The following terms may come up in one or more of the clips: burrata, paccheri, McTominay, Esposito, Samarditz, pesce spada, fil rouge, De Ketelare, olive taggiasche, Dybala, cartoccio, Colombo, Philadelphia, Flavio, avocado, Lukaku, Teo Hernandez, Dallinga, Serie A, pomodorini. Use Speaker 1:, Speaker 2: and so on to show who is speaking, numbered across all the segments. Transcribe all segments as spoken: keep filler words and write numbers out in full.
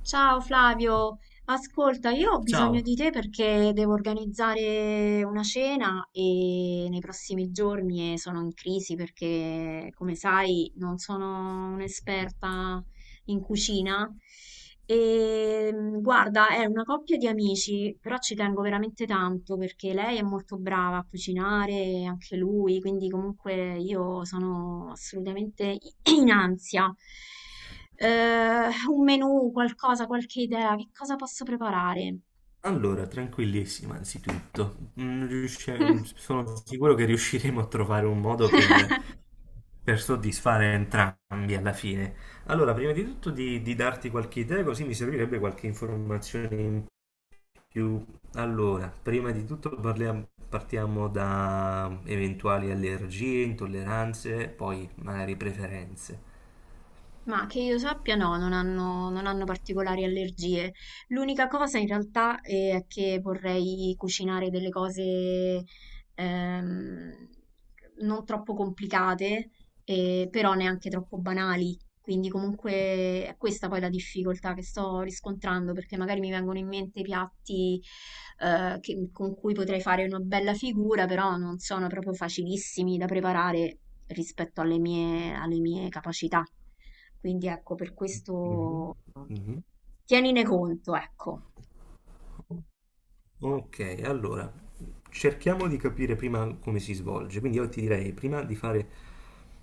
Speaker 1: Ciao Flavio, ascolta, io ho bisogno
Speaker 2: Ciao.
Speaker 1: di te perché devo organizzare una cena e nei prossimi giorni e sono in crisi perché, come sai, non sono un'esperta in cucina. E mh, guarda, è una coppia di amici, però ci tengo veramente tanto perché lei è molto brava a cucinare, e anche lui, quindi comunque io sono assolutamente in ansia. Eh, un menù, qualcosa, qualche idea, che cosa posso preparare?
Speaker 2: Allora, tranquillissima anzitutto. Mm, riusci- mm, sono sicuro che riusciremo a trovare un modo per, per soddisfare entrambi alla fine. Allora, prima di tutto di, di darti qualche idea, così mi servirebbe qualche informazione in più. Allora, prima di tutto parliamo- partiamo da eventuali allergie, intolleranze, poi magari preferenze.
Speaker 1: Ma che io sappia, no, non hanno, non hanno particolari allergie. L'unica cosa in realtà è che vorrei cucinare delle cose ehm, non troppo complicate, eh, però neanche troppo banali. Quindi comunque è questa poi la difficoltà che sto riscontrando, perché magari mi vengono in mente piatti eh, che- con cui potrei fare una bella figura, però non sono proprio facilissimi da preparare rispetto alle mie, alle mie capacità. Quindi ecco, per
Speaker 2: Mhm,
Speaker 1: questo
Speaker 2: mhm.
Speaker 1: tienine conto, ecco.
Speaker 2: Ok, allora cerchiamo di capire prima come si svolge. Quindi io ti direi prima di fare,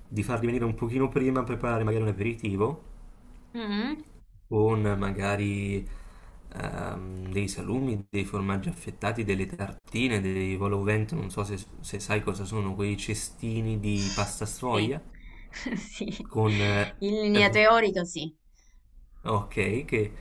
Speaker 2: di farli venire un pochino prima, preparare magari un aperitivo
Speaker 1: Mm.
Speaker 2: con magari ehm, dei salumi, dei formaggi affettati, delle tartine, dei volo vento, non so se, se sai cosa sono, quei cestini di pasta
Speaker 1: Sì,
Speaker 2: sfoglia
Speaker 1: sì,
Speaker 2: con... eh,
Speaker 1: in linea
Speaker 2: ri-
Speaker 1: teorica sì.
Speaker 2: ok, che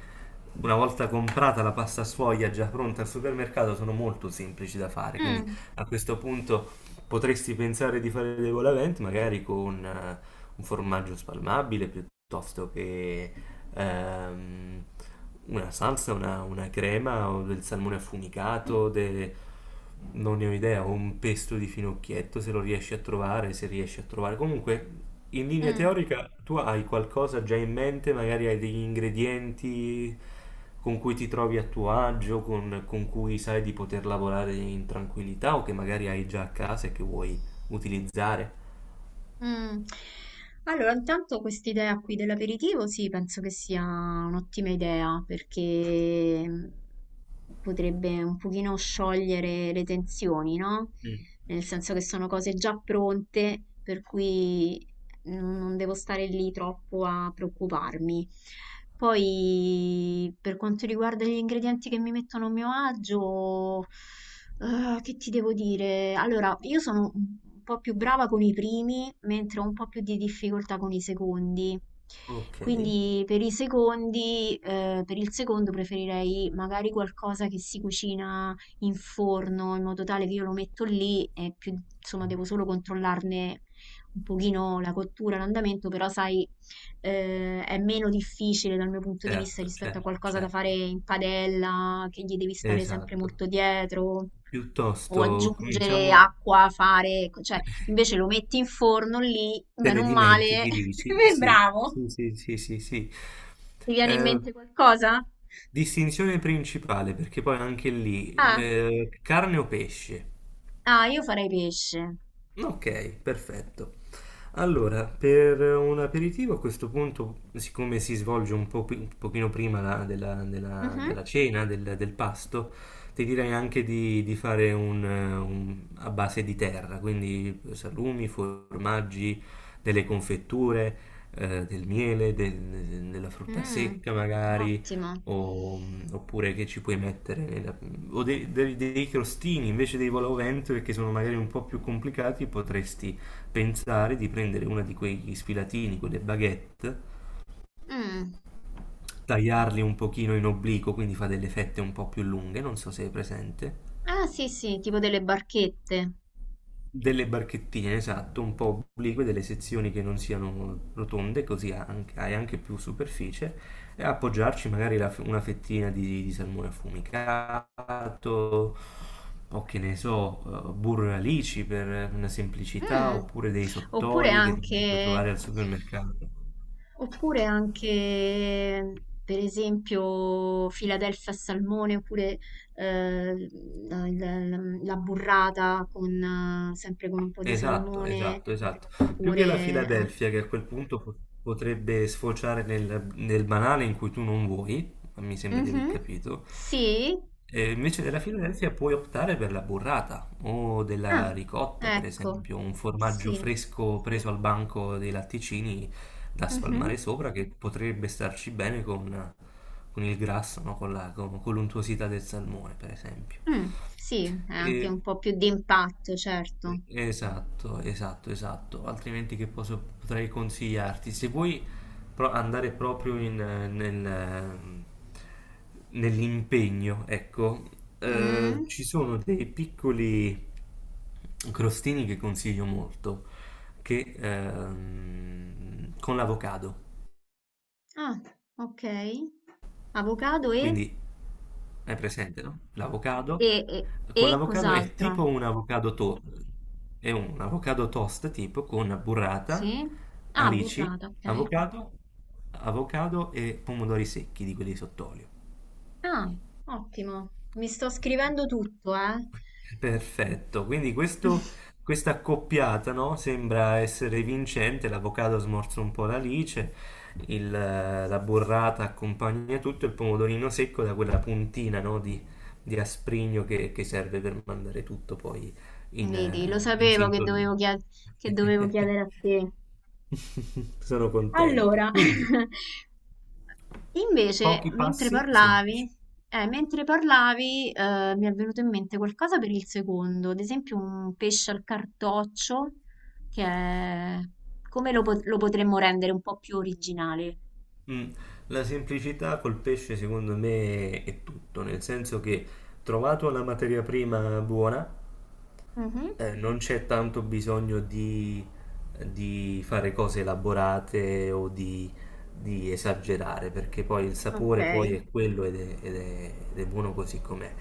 Speaker 2: una volta comprata la pasta sfoglia già pronta al supermercato sono molto semplici da fare, quindi
Speaker 1: Mm,
Speaker 2: a questo punto potresti pensare di fare dei volavent magari con eh, un formaggio spalmabile piuttosto che ehm, una salsa, una, una crema o del salmone affumicato, de- non ne ho idea, o un pesto di finocchietto se lo riesci a trovare, se riesci a trovare. Comunque, in linea
Speaker 1: mm.
Speaker 2: teorica, tu hai qualcosa già in mente, magari hai degli ingredienti con cui ti trovi a tuo agio, con, con cui sai di poter lavorare in tranquillità o che magari hai già a casa e che vuoi utilizzare.
Speaker 1: Mm. Allora, intanto quest'idea qui dell'aperitivo, sì, penso che sia un'ottima idea perché mm, potrebbe un pochino sciogliere le tensioni, no?
Speaker 2: Mm.
Speaker 1: Nel senso che sono cose già pronte, per cui non non devo stare lì troppo a preoccuparmi. Poi, per quanto riguarda gli ingredienti che mi mettono a mio agio, ah, che ti devo dire? Allora, io sono un po' più brava con i primi, mentre ho un po' più di difficoltà con i secondi.
Speaker 2: Ok,
Speaker 1: Quindi per i secondi, eh, per il secondo preferirei magari qualcosa che si cucina in forno, in modo tale che io lo metto lì e più, insomma, devo solo controllarne un pochino la cottura, l'andamento, però sai, eh, è meno difficile dal mio punto di vista
Speaker 2: certo,
Speaker 1: rispetto a
Speaker 2: certo,
Speaker 1: qualcosa da fare
Speaker 2: certo,
Speaker 1: in padella, che gli devi stare sempre
Speaker 2: esatto.
Speaker 1: molto dietro, o
Speaker 2: Piuttosto
Speaker 1: aggiungere
Speaker 2: cominciamo.
Speaker 1: acqua, fare, cioè invece lo metti in forno lì,
Speaker 2: Te
Speaker 1: bene
Speaker 2: ne
Speaker 1: o male,
Speaker 2: dimentichi, dici? Sì,
Speaker 1: bravo.
Speaker 2: sì, sì, sì, sì, sì.
Speaker 1: Ti viene in
Speaker 2: Eh,
Speaker 1: mente qualcosa?
Speaker 2: distinzione principale, perché poi anche lì,
Speaker 1: Ah,
Speaker 2: eh, carne o pesce?
Speaker 1: ah, io farei pesce.
Speaker 2: Ok, perfetto. Allora, per un aperitivo a questo punto, siccome si svolge un po' pi- un pochino prima la- della, della-
Speaker 1: Mhm.
Speaker 2: della cena, del, del pasto, ti direi anche di, di fare un, eh, un- a base di terra, quindi salumi, formaggi, delle confetture, eh, del miele, del- della frutta
Speaker 1: Mm,
Speaker 2: secca magari,
Speaker 1: ottimo.
Speaker 2: o- oppure che ci puoi mettere nella o dei, dei, dei crostini invece dei voloventure che sono magari un po' più complicati, potresti pensare di prendere una di quegli sfilatini, quelle baguette,
Speaker 1: Mm.
Speaker 2: tagliarli un pochino in obliquo, quindi fa delle fette un po' più lunghe, non so se è presente.
Speaker 1: Ah, sì, sì, tipo delle barchette.
Speaker 2: Delle barchettine, esatto, un po' oblique, delle sezioni che non siano rotonde, così anche- hai anche più superficie, e appoggiarci magari la f- una fettina di, di salmone affumicato, o che ne so, eh, burro e alici per una semplicità,
Speaker 1: Mm.
Speaker 2: oppure dei
Speaker 1: Oppure
Speaker 2: sottoli che magari puoi
Speaker 1: anche,
Speaker 2: trovare al supermercato.
Speaker 1: Oppure anche, per esempio, Philadelphia al salmone, oppure eh, la, la- la burrata con, eh, sempre con un po' di
Speaker 2: Esatto,
Speaker 1: salmone,
Speaker 2: esatto, esatto. Più che la
Speaker 1: oppure... ah,
Speaker 2: Filadelfia, che a quel punto po- potrebbe sfociare nel, nel banale in cui tu non vuoi, ma mi sembra di aver
Speaker 1: mhm,
Speaker 2: capito.
Speaker 1: sì?
Speaker 2: E invece della Filadelfia puoi optare per la burrata o
Speaker 1: Ah,
Speaker 2: della ricotta, per
Speaker 1: ecco,
Speaker 2: esempio, un formaggio
Speaker 1: sì.
Speaker 2: fresco preso al banco dei latticini da spalmare
Speaker 1: Mhm,
Speaker 2: sopra che potrebbe starci bene con, con il grasso, no? Con la- con- con l'untuosità del salmone, per esempio.
Speaker 1: mm, sì, è anche
Speaker 2: E
Speaker 1: un po' più di impatto, certo.
Speaker 2: Esatto, esatto, esatto. Altrimenti che posso, potrei consigliarti? Se vuoi pro- andare proprio in, eh, nel, ehm, nell'impegno, ecco, eh,
Speaker 1: Mm,
Speaker 2: ci sono dei piccoli crostini che consiglio molto, che ehm, con l'avocado.
Speaker 1: ah, ok. Avocado e,
Speaker 2: Quindi hai presente, no? L'avocado.
Speaker 1: e, e
Speaker 2: Con
Speaker 1: e
Speaker 2: l'avocado è
Speaker 1: cos'altro?
Speaker 2: tipo un avocado to- è un avocado toast tipo con burrata,
Speaker 1: Sì? Ah,
Speaker 2: alici,
Speaker 1: burrata, ok.
Speaker 2: avocado, avocado e pomodori secchi di quelli sott'olio.
Speaker 1: Ah, ottimo. Mi sto scrivendo tutto, eh.
Speaker 2: Perfetto, quindi questo- questa accoppiata, no, sembra essere vincente, l'avocado smorza un po' l'alice, il, eh, la burrata accompagna tutto, il pomodorino secco da quella puntina, no, di, di asprigno che, che serve per mandare tutto poi in,
Speaker 1: Vedi, lo
Speaker 2: eh, in
Speaker 1: sapevo che
Speaker 2: sintonia.
Speaker 1: dovevo, chied- che dovevo chiedere a te.
Speaker 2: Sono contento.
Speaker 1: Allora,
Speaker 2: Quindi,
Speaker 1: invece,
Speaker 2: pochi
Speaker 1: mentre
Speaker 2: passi
Speaker 1: parlavi,
Speaker 2: semplici.
Speaker 1: eh, mentre parlavi, eh, mi è venuto in mente qualcosa per il secondo, ad esempio un pesce al cartoccio, che è... come lo, pot- lo potremmo rendere un po' più originale?
Speaker 2: Mm. La semplicità col pesce secondo me è tutto, nel senso che trovato la materia prima buona,
Speaker 1: Mhm,
Speaker 2: eh, non c'è tanto bisogno di, di fare cose elaborate o di di esagerare perché poi il
Speaker 1: ok.
Speaker 2: sapore poi è quello ed è, ed è- ed è buono così com'è.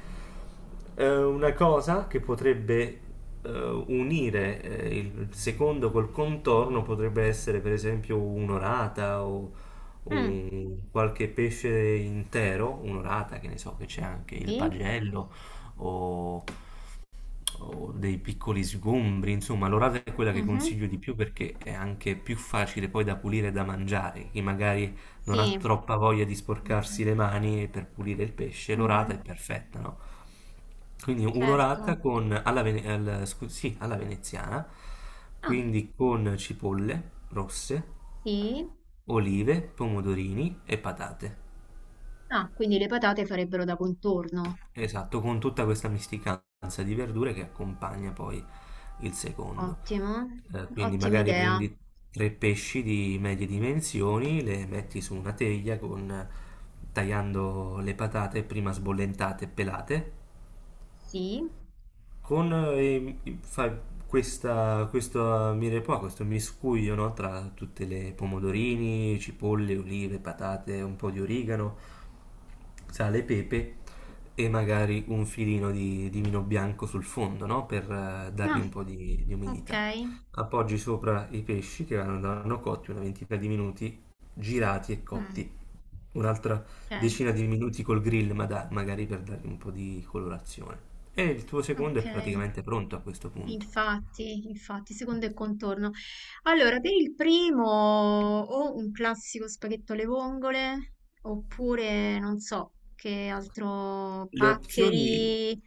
Speaker 2: Eh, una cosa che potrebbe eh, unire eh, il secondo col contorno potrebbe essere per esempio un'orata o
Speaker 1: Mm,
Speaker 2: un- qualche pesce intero, un'orata che ne so che c'è anche il
Speaker 1: sì.
Speaker 2: pagello o o dei piccoli sgombri, insomma, l'orata è quella che
Speaker 1: Mhm.
Speaker 2: consiglio di più perché è anche più facile poi da pulire e da mangiare. Chi magari non ha
Speaker 1: Sì,
Speaker 2: troppa voglia di sporcarsi le mani per pulire il pesce, l'orata è
Speaker 1: mhm,
Speaker 2: perfetta, no? Quindi
Speaker 1: certo.
Speaker 2: un'orata con, alla, vene- al- scu- sì, alla veneziana,
Speaker 1: Ah,
Speaker 2: quindi con cipolle rosse,
Speaker 1: sì.
Speaker 2: olive, pomodorini e patate.
Speaker 1: Ah, quindi le patate farebbero da contorno.
Speaker 2: Esatto, con tutta questa misticanza di verdure che accompagna poi il secondo.
Speaker 1: Ottimo,
Speaker 2: Eh, quindi
Speaker 1: ottima
Speaker 2: magari
Speaker 1: idea.
Speaker 2: prendi tre pesci di medie dimensioni, le metti su una teglia con, tagliando le patate prima sbollentate e pelate
Speaker 1: Sì.
Speaker 2: con eh, fa questa, questo, mire qua, questo miscuglio, no, tra tutte le pomodorini, cipolle, olive, patate, un po' di origano, sale e pepe e magari un filino di, di vino bianco sul fondo, no, per eh, dargli
Speaker 1: Ah,
Speaker 2: un po' di, di
Speaker 1: ok.
Speaker 2: umidità. Appoggi sopra i pesci che vanno, vanno cotti una ventina di minuti, girati e
Speaker 1: Mm,
Speaker 2: cotti un'altra
Speaker 1: ok,
Speaker 2: decina di minuti col grill, ma da- magari per dargli un po' di colorazione. E il tuo secondo
Speaker 1: ok.
Speaker 2: è praticamente pronto a questo punto.
Speaker 1: Infatti, infatti, secondo il contorno. Allora, per il primo o un classico spaghetto alle vongole, oppure non so che altro,
Speaker 2: Le opzioni
Speaker 1: paccheri,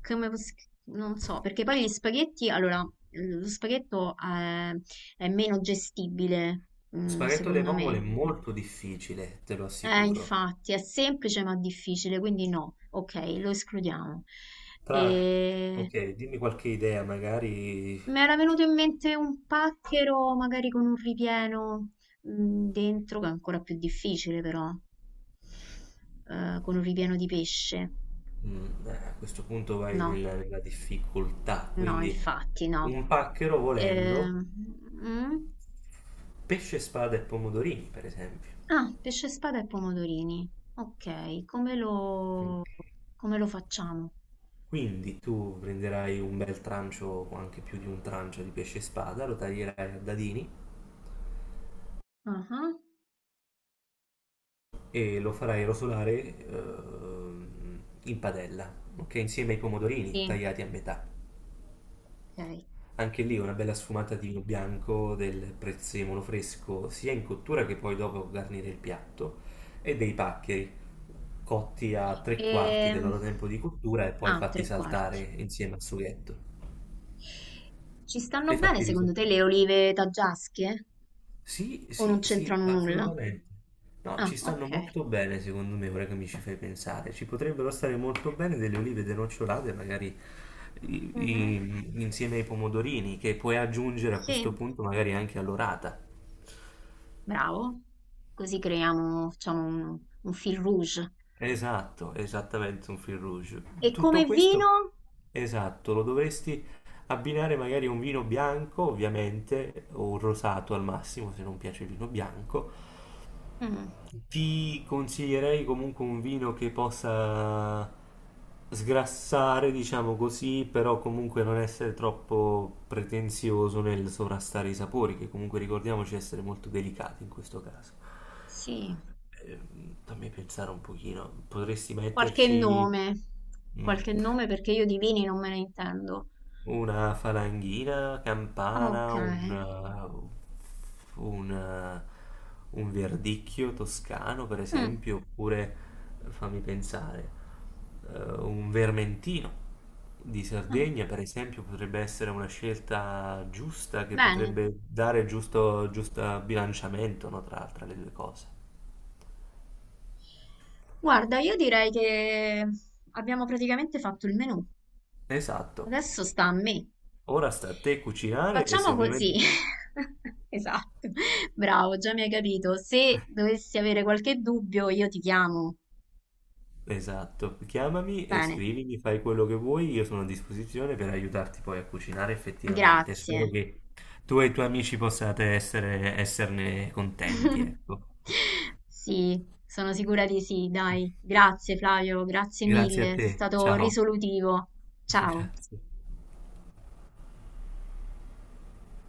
Speaker 1: come, pos- non so, perché poi gli spaghetti, allora, lo spaghetto è, è meno gestibile, mm,
Speaker 2: spaghetto alle
Speaker 1: secondo
Speaker 2: vongole è
Speaker 1: me.
Speaker 2: molto difficile, te lo
Speaker 1: Eh,
Speaker 2: assicuro.
Speaker 1: infatti, è semplice ma difficile, quindi no, ok, lo escludiamo.
Speaker 2: Tra...
Speaker 1: E...
Speaker 2: ok, dimmi qualche idea, magari
Speaker 1: Mi era venuto in mente un pacchero, magari con un ripieno mm, dentro, che è ancora più difficile però, eh, con un ripieno di pesce.
Speaker 2: mm, eh, a questo punto vai
Speaker 1: No,
Speaker 2: nella, nella difficoltà,
Speaker 1: no,
Speaker 2: quindi
Speaker 1: infatti no.
Speaker 2: un pacchero volendo,
Speaker 1: Ehm, mm?
Speaker 2: pesce, spada e pomodorini, per esempio.
Speaker 1: Ah, pesce spada e pomodorini. Ok, come lo,
Speaker 2: Ok.
Speaker 1: come lo facciamo?
Speaker 2: Quindi tu prenderai un bel trancio, o anche più di un trancio di pesce spada, lo taglierai a dadini
Speaker 1: Ah, ah,
Speaker 2: e lo farai rosolare ehm, in padella, ok? Insieme ai pomodorini
Speaker 1: sì,
Speaker 2: tagliati a metà.
Speaker 1: ok.
Speaker 2: Anche lì una bella sfumata di vino bianco, del prezzemolo fresco, sia in cottura che poi dopo garnire il piatto, e dei paccheri cotti a tre quarti del
Speaker 1: Ehm,
Speaker 2: loro tempo di cottura e poi
Speaker 1: ah,
Speaker 2: fatti
Speaker 1: tre
Speaker 2: saltare
Speaker 1: quarti.
Speaker 2: insieme al sughetto
Speaker 1: Ci stanno
Speaker 2: e
Speaker 1: bene
Speaker 2: fatti
Speaker 1: secondo te
Speaker 2: risottare.
Speaker 1: le olive taggiasche?
Speaker 2: Sì,
Speaker 1: O
Speaker 2: sì,
Speaker 1: non
Speaker 2: sì,
Speaker 1: c'entrano nulla?
Speaker 2: assolutamente. No,
Speaker 1: Ah,
Speaker 2: ci stanno
Speaker 1: okay.
Speaker 2: molto bene, secondo me, ora che mi ci fai pensare. Ci potrebbero stare molto bene delle olive denocciolate, magari i-
Speaker 1: Mh-mh.
Speaker 2: i- insieme ai pomodorini, che puoi aggiungere a questo
Speaker 1: Sì.
Speaker 2: punto magari anche all'orata.
Speaker 1: Bravo. Così creiamo facciamo un un fil rouge.
Speaker 2: Esatto, esattamente un fil rouge.
Speaker 1: E come
Speaker 2: Tutto questo,
Speaker 1: vino?
Speaker 2: esatto, lo dovresti abbinare magari a un vino bianco, ovviamente, o un rosato al massimo, se non piace il vino bianco.
Speaker 1: Mh,
Speaker 2: Ti consiglierei comunque un vino che possa sgrassare, diciamo così, però comunque non essere troppo pretenzioso nel sovrastare i sapori, che comunque ricordiamoci essere molto delicati in questo caso.
Speaker 1: sì,
Speaker 2: Ehm, fammi pensare un pochino, potresti
Speaker 1: qualche
Speaker 2: metterci...
Speaker 1: nome.
Speaker 2: mm.
Speaker 1: Qualche nome perché io di vini non me ne intendo.
Speaker 2: Una falanghina, campana, un,
Speaker 1: Okay.
Speaker 2: uh, un, uh, un verdicchio toscano, per
Speaker 1: Mh,
Speaker 2: esempio, oppure, fammi pensare, eh, un vermentino di
Speaker 1: ah,
Speaker 2: Sardegna, per esempio, potrebbe essere una scelta giusta che
Speaker 1: bene.
Speaker 2: potrebbe dare giusto, giusto bilanciamento, no, tra, tra le due cose.
Speaker 1: Guarda, io direi che abbiamo praticamente fatto il menù.
Speaker 2: Esatto.
Speaker 1: Adesso sta a me.
Speaker 2: Ora sta a te cucinare e se
Speaker 1: Facciamo così.
Speaker 2: ovviamente...
Speaker 1: Esatto, bravo, già mi hai capito. Se dovessi avere qualche dubbio, io ti chiamo.
Speaker 2: esatto, chiamami e
Speaker 1: Bene,
Speaker 2: scrivimi, fai quello che vuoi, io sono a disposizione per aiutarti poi a cucinare effettivamente. Spero
Speaker 1: grazie.
Speaker 2: che tu e i tuoi amici possiate essere, esserne contenti, ecco.
Speaker 1: Sì, sono sicura di sì, dai. Grazie Flavio, grazie
Speaker 2: Grazie a
Speaker 1: mille, sei
Speaker 2: te,
Speaker 1: stato
Speaker 2: ciao.
Speaker 1: risolutivo. Ciao.
Speaker 2: Grazie.